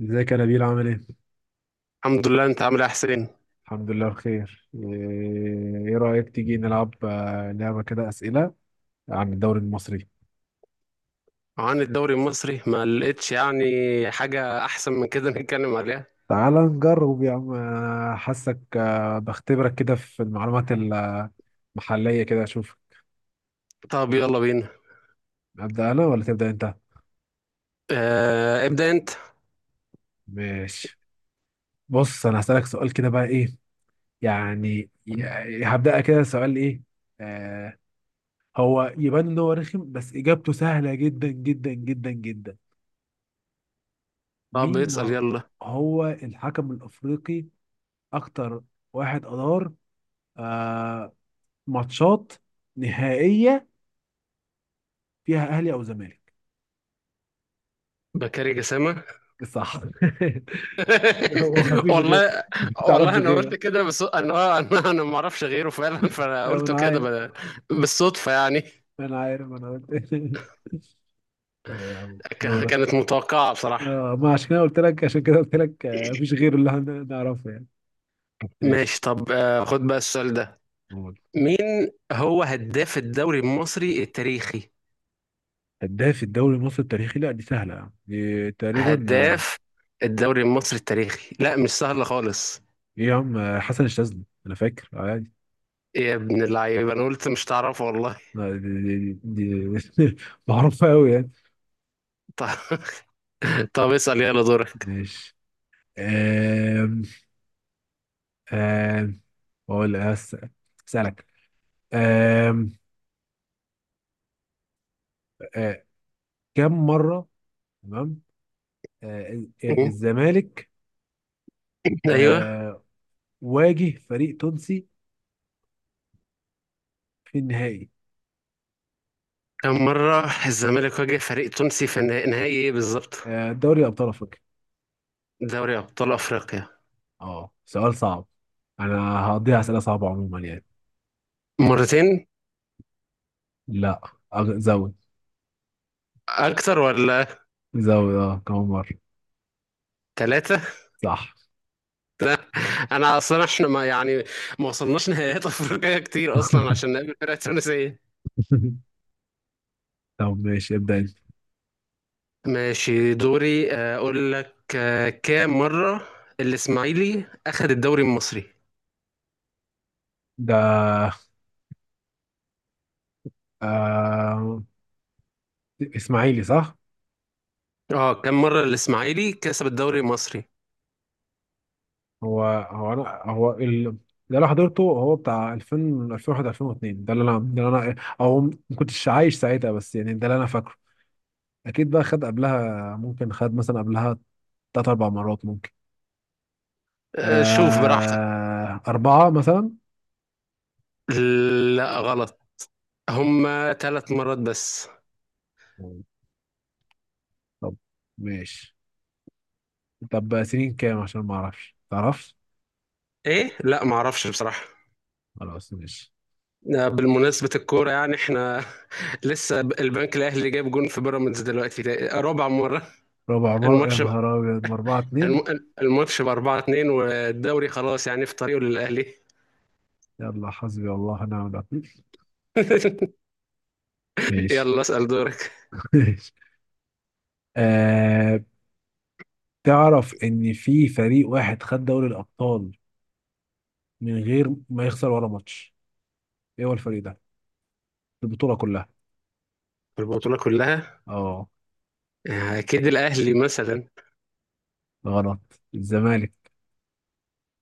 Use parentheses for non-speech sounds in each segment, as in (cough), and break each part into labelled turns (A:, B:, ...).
A: ازيك يا نبيل عامل ايه؟
B: الحمد لله. انت عامل ايه يا حسين؟
A: الحمد لله بخير. إيه رأيك تيجي نلعب، لعبة كده أسئلة عن الدوري المصري.
B: عن الدوري المصري ما لقيتش يعني حاجة احسن من كده (laughs) نتكلم عليها.
A: تعال نجرب يا عم، أنا حاسك، بختبرك كده في المعلومات المحلية كده أشوف.
B: طب يلا بينا.
A: أبدأ أنا ولا تبدأ أنت؟
B: اه ابدأ انت.
A: ماشي. بص، أنا هسألك سؤال كده بقى إيه يعني هبدأ كده سؤال إيه. آه هو يبان إن هو رخم، بس إجابته سهلة جدا جدا جدا جدا.
B: طب
A: مين
B: اسأل يلا.
A: هو الحكم الأفريقي اكتر واحد ادار آه ماتشات نهائيه فيها اهلي او زمالك؟
B: بكاري جسامة.
A: صح. (laughs) هو
B: (laughs)
A: مفيش غير؟
B: والله.
A: ما تعرفش
B: والله انا
A: غيره؟
B: قلت كده، بس انا انا ما اعرفش غيره فعلا، فانا
A: أيوة،
B: قلته
A: انا
B: كده
A: عارف،
B: بالصدفة يعني.
A: انا عارف، انا قلت. (laughs) دورك.
B: كانت متوقعة بصراحة.
A: ما عشان كده قلت لك، عشان كده قلت لك مفيش غيره اللي نعرفه يعني. ماشي.
B: ماشي، طب خد بقى السؤال ده.
A: قول.
B: مين هو هداف الدوري المصري التاريخي؟
A: هداف الدوري المصري التاريخي؟ لا دي سهله يعني، دي تقريبا،
B: هداف الدوري المصري التاريخي لا مش سهل خالص.
A: ايه يا عم، حسن الشاذلي، انا فاكر عادي.
B: إيه يا ابن اللعيبه، انا قلت مش تعرف والله.
A: لا، دي (laughs) معروفه قوي يعني.
B: (laughs) طب طب اسال يلا دورك.
A: ماشي. أم أم بقول أس- اسالك. أم أه، كم مره، تمام، أه، الزمالك
B: (laughs) ايوه.
A: أه، واجه فريق تونسي في النهائي،
B: كم مره الزمالك واجه فريق تونسي في نهائي ايه بالظبط؟
A: دوري ابطال افريقيا؟
B: دوري ابطال افريقيا.
A: اه سؤال صعب. انا هقضيها اسئله صعبه عموما يعني.
B: مرتين.
A: لا زود،
B: اكتر ولا؟
A: زود. اه كم مره؟
B: ثلاثه.
A: صح.
B: انا اصلا احنا ما يعني ما وصلناش نهائيات (laughs) افريقيا كتير اصلا عشان
A: (laughs)
B: نقابل فرق تونسيه.
A: طب ماشي، ابدا انت.
B: ماشي، دوري اقول لك، كام مره الاسماعيلي اخذ الدوري المصري؟
A: ده آه... اسماعيلي صح.
B: اه كم مرة الإسماعيلي كسب الدوري المصري؟
A: هو هو انا هو ده اللي انا حضرته، هو بتاع 2000 2001 2002. ده اللي انا او ما كنتش عايش ساعتها، بس يعني ده اللي انا فاكره. اكيد بقى خد قبلها، ممكن خد مثلا قبلها تلات اربع مرات ممكن.
B: شوف براحتك.
A: اربعة مثلا.
B: لا غلط. هما ثلاث مرات بس.
A: مم. طب ماشي. طب سنين كام عشان ما اعرفش تعرفش.
B: ايه، لا معرفش بصراحة.
A: خلاص ماشي.
B: بالمناسبة الكورة يعني احنا (laughs) لسه البنك الأهلي جايب جون في بيراميدز دلوقتي، ده رابع مرة.
A: ربع مرة يا
B: الماتش
A: نهار ابيض، ما 4-2.
B: الماتش ب 4-2، والدوري خلاص يعني في طريقه للأهلي.
A: يلا حسبي الله ونعم الوكيل.
B: (laughs)
A: ماشي.
B: يلا اسأل دورك.
A: (laughs) ماشي. آه تعرف ان في فريق واحد خد دوري الابطال من غير ما يخسر ولا ماتش؟ ايه هو الفريق ده؟ البطوله كلها.
B: البطولة كلها؟
A: اه
B: أكيد الأهلي مثلا.
A: غلط، الزمالك.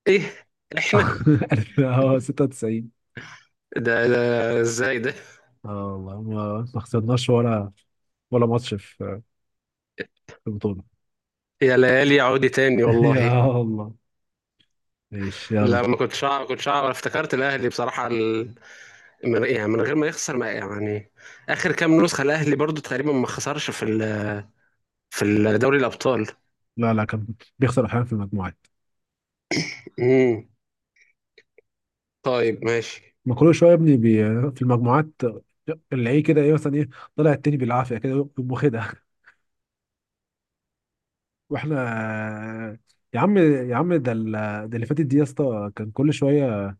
B: ايه؟ احنا؟
A: (laughs) 96.
B: ده ازاي ده؟
A: اه والله ما خسرناش ولا ماتش في البطوله.
B: يا ليالي عودي تاني
A: (laughs)
B: والله.
A: يا الله. ماشي يلا.
B: لا ما كنتش أعرف، افتكرت الأهلي بصراحة. من... يعني من غير ما يخسر ما يعني، آخر كام نسخة الأهلي برضو تقريبا ما خسرش في في دوري الأبطال.
A: لا لا، كان بيخسر احيانا في المجموعات.
B: امم. طيب ماشي.
A: ما كل شويه يا ابني، في المجموعات، اللي ايه كده، ايه مثلا، ايه، طلع التاني بالعافيه كده يقوم واخدها. واحنا يا عم، يا عم، ده اللي فاتت دي يا اسطى، كان كل شويه،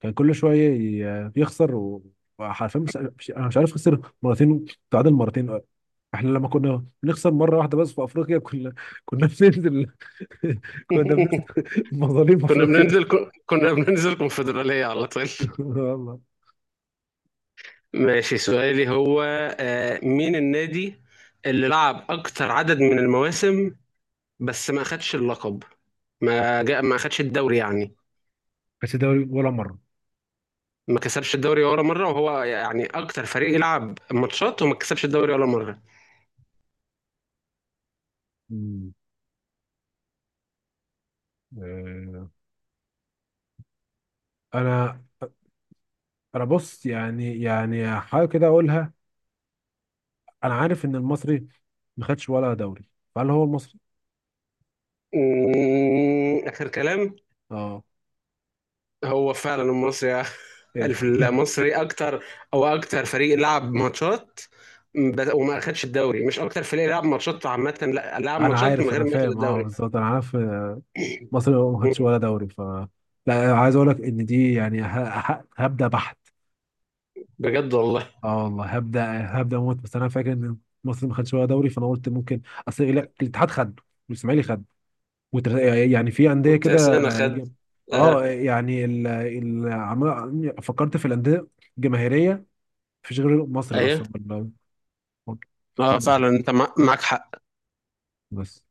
A: كان كل شويه يخسر وحرفيا انا مش عارف، خسر مرتين، تعادل مرتين. احنا لما كنا بنخسر مره واحده بس في افريقيا، كنا كنا بننزل. (laughs) كنا بننزل
B: (laughs)
A: مظالم
B: كنا
A: افريقيا.
B: بننزل كنا بننزل كونفدرالية على طول.
A: (laughs) والله.
B: ماشي، سؤالي هو، مين النادي اللي لعب أكتر عدد من المواسم بس ما خدش اللقب؟ ما خدش الدوري يعني،
A: بس دوري ولا مره؟
B: ما كسبش الدوري ولا مره، وهو يعني اكتر فريق يلعب ماتشات وما كسبش الدوري ولا مره.
A: مم. آه، انا، بص يعني، حاجه كده اقولها. انا عارف ان المصري ما خدش ولا دوري، فهل هو المصري؟
B: اخر كلام.
A: اه.
B: هو فعلا المصري. (laughs)
A: إيه ده؟
B: المصري اكتر، او اكتر فريق لعب ماتشات، وما اخدش الدوري. مش اكتر فريق لعب ماتشات عامه، لا،
A: (laughs)
B: لعب
A: انا
B: ماتشات من
A: عارف، انا
B: غير ما ياخد
A: فاهم، اه
B: الدوري.
A: بالظبط، انا عارف. مصر ما
B: أمم،
A: خدتش ولا دوري لا، عايز اقول لك ان دي يعني، هبدا بحت.
B: بجد والله.
A: اه والله هبدا، هبدا موت، بس انا فاكر ان مصر ما خدتش ولا دوري، فانا قلت ممكن. اصل لا، الاتحاد خد، والاسماعيلي خد والتر- يعني في انديه كده،
B: والترسانة خد.
A: اه
B: آه.
A: يعني فكرت في الانديه الجماهيريه. مفيش غير مصري
B: ايوه.
A: بس.
B: اه فعلا انت معاك حق.
A: بس.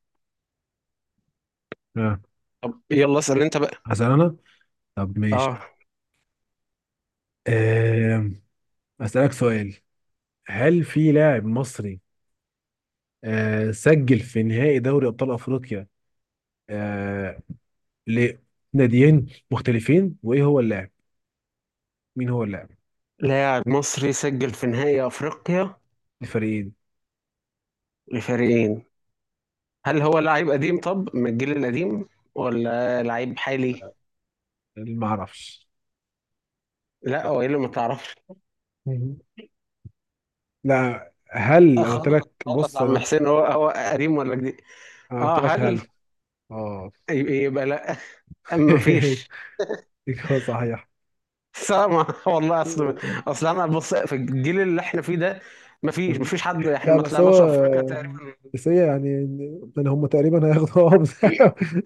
A: آه.
B: طب يلا اسال انت بقى.
A: هسأل انا. طب ماشي.
B: اه.
A: آه، أسألك سؤال. هل في لاعب مصري سجل في نهائي دوري ابطال افريقيا آه لناديين مختلفين، وايه هو اللاعب؟ مين هو اللاعب؟
B: لاعب مصري سجل في نهائي افريقيا
A: الفريقين.
B: لفريقين؟ هل هو لعيب قديم، طب من الجيل القديم ولا لعيب حالي؟
A: ما اعرفش؟
B: لا، هو ايه اللي ما تعرفش؟
A: مم. لا، هل انا قلت
B: خلاص.
A: لك؟
B: خلاص يا
A: بص، انا
B: عم
A: قلت،
B: حسين، هو قديم ولا جديد؟
A: أنا
B: اه
A: قلت لك
B: هل
A: هل؟ اه.
B: يبقى لا، ما
A: (laughs)
B: فيش.
A: إجابة صحيح.
B: سامع؟ (laughs) والله اصل، اصل انا بص، في الجيل اللي احنا فيه ده ما فيش حد، احنا
A: لا
B: ما
A: بس هو،
B: طلعناش افريقيا تقريبا.
A: بس هي يعني، يعني هم تقريبا هياخدوا. (laughs) اه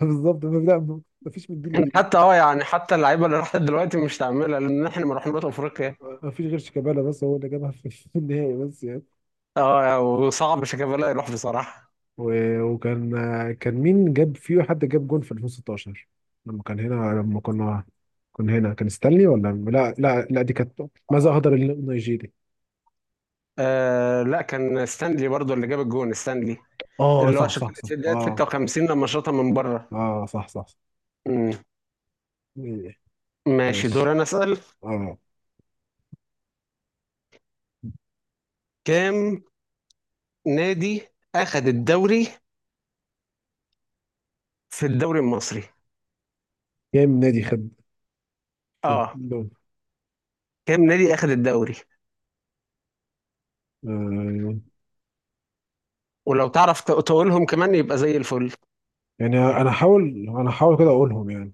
A: بالظبط. لا، مفيش من جيل جديد.
B: حتى حتى اللعيبه اللي راحت دلوقتي مش تعملها، لان احنا ما رحناش افريقيا.
A: مفيش غير شيكابالا، بس هو اللي جابها في النهائي بس يعني.
B: اه، وصعب شيكابالا يروح بصراحه.
A: وكان، كان مين جاب فيه؟ حد جاب جون في 2016 لما كان هنا، لما كنا، كنا هنا. كان ستانلي ولا، لا لا لا، دي كانت ماذا أهدر النيجيري.
B: آه لا، كان ستانلي برضو اللي جاب الجون، ستانلي
A: اه
B: اللي هو
A: صح صح
B: شكل
A: صح
B: دقيقة
A: اه.
B: 56 لما شاطها من بره.
A: اه صح صح, صح.
B: مم. ماشي، دور
A: ماشي.
B: انا اسال.
A: اه
B: كام نادي اخذ الدوري في الدوري المصري؟
A: كام نادي خد
B: اه
A: دول؟
B: كام نادي اخذ الدوري؟
A: آه.
B: ولو تعرف تقولهم كمان يبقى زي الفل.
A: يعني انا هحاول، كده اقولهم يعني.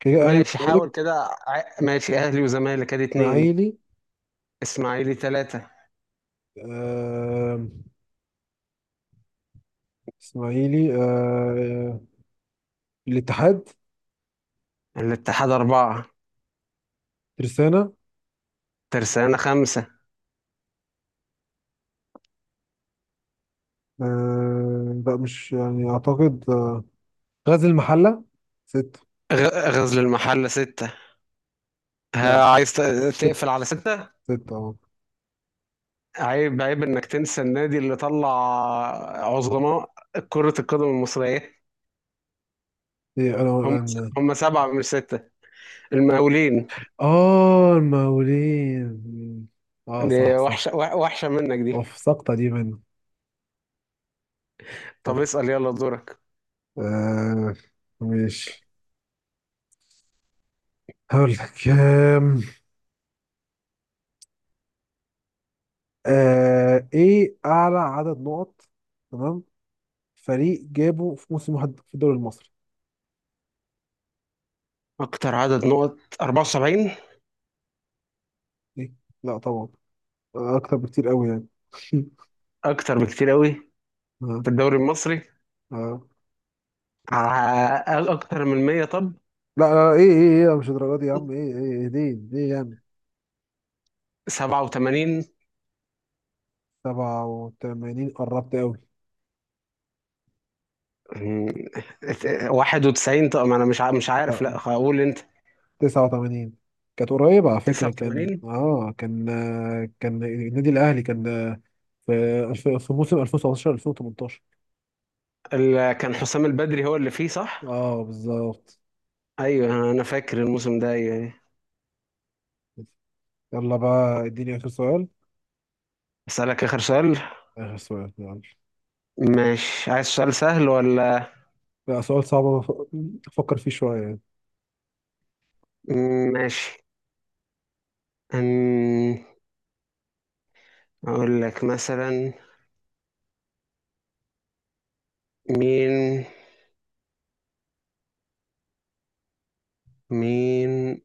A: كده، اهلي
B: ماشي، حاول
A: والزمالك،
B: كده. ماشي، اهلي وزمالك ادي اتنين.
A: اسماعيلي.
B: اسماعيلي تلاتة.
A: آه. اسماعيلي آه. الاتحاد،
B: الاتحاد اربعة.
A: ترسانة.
B: ترسانة خمسة.
A: آه لا، مش يعني، أعتقد غزل المحلة، ستة.
B: غزل المحلة ستة.
A: لا
B: ها، عايز
A: ستة،
B: تقفل على ستة؟
A: ستة اه.
B: عيب انك تنسى النادي اللي طلع عظماء كرة القدم المصرية.
A: إيه؟ أنا
B: هم.
A: أنا
B: هم سبعة من ستة، المقاولين.
A: آه المقاولين. آه
B: دي
A: صح صح.
B: وحشة، وحشة منك دي.
A: أوف سقطة دي مني.
B: طب
A: سقطة.
B: اسأل يلا دورك.
A: آه ماشي. هقول لك إيه أعلى عدد نقط، تمام، فريق جابه في موسم واحد في الدوري المصري.
B: أكتر عدد نقط 74؟
A: إيه؟ لا طبعا، أكتر بكتير قوي يعني. (laughs)
B: أكتر بكتير قوي
A: آه.
B: في الدوري المصري؟
A: آه
B: أكتر من 100؟ طب
A: لا لا ايه ايه ايه لا، مش الدرجات دي يا عم، ايه ايه دي جامد.
B: 87؟
A: 87 قربت قوي.
B: مم، 91؟ طب ما أنا مش مش عارف،
A: لا
B: لا
A: مش،
B: أقول أنت.
A: 89 كانت قريبة على فكرة، كان
B: 89؟
A: كان النادي الأهلي، كان في في موسم 2017 2018.
B: كان حسام البدري هو اللي فيه صح؟
A: اه بالظبط.
B: أيوه، أنا فاكر الموسم ده، أيوه أيوه.
A: يلا بقى، اديني آخر سؤال.
B: أسألك آخر سؤال.
A: آخر سؤال يلا.
B: ماشي، عايز سؤال سهل ولا؟
A: لا سؤال صعب، أفكر فيه شوية.
B: ماشي. أم، أقول لك مثلا، مين مين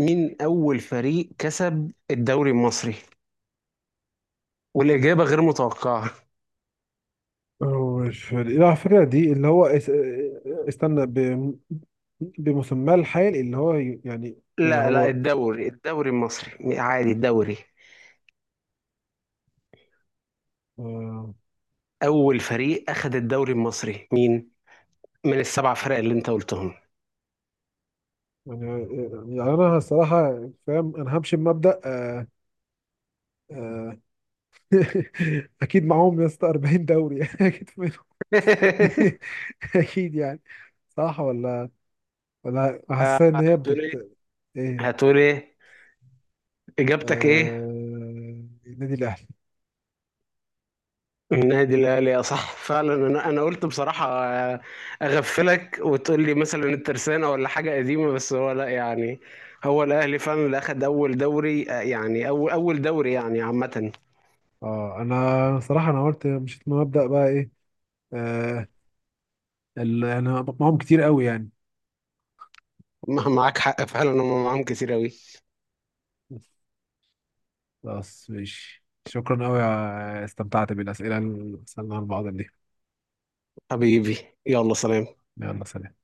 B: مين أول فريق كسب الدوري المصري؟ والإجابة غير متوقعة.
A: هو الفريق، لا الفكرة دي اللي هو استنى، بمسماه الحال اللي هو يعني،
B: لا لا،
A: هو
B: الدوري المصري عادي، الدوري.
A: آه،
B: أول فريق أخد الدوري المصري مين؟ من السبع فرق اللي أنت قلتهم.
A: انا الصراحة فاهم، انا همشي بمبدأ، آه، (laughs) اكيد معاهم يا اسطى 40 دوري. (laughs) اكيد منهم. (laughs)
B: (laughs)
A: اكيد يعني، صح ولا، ولا حاسس ان هي
B: هتقول إيه؟
A: بتت؟ ايه.
B: هتقول إيه إجابتك إيه؟
A: النادي الاهلي.
B: النادي الاهلي. يا صح فعلا، انا قلت بصراحه اغفلك وتقول لي مثلا الترسانه ولا حاجه قديمه، بس هو لا يعني، هو الاهلي فعلا اللي اخد اول دوري، يعني اول دوري يعني عامه.
A: اه انا صراحه، انا قلت مشيت من مبدأ بقى ايه، آه، انا بقمعهم كتير قوي يعني.
B: (laughs) معاك حق فعلا، هم معاهم كتير قوي.
A: خلاص ماشي، شكرا قوي. استمتعت بالاسئله اللي سالناها لبعض دي.
B: حبيبي. يلا سلام.
A: يلا سلام.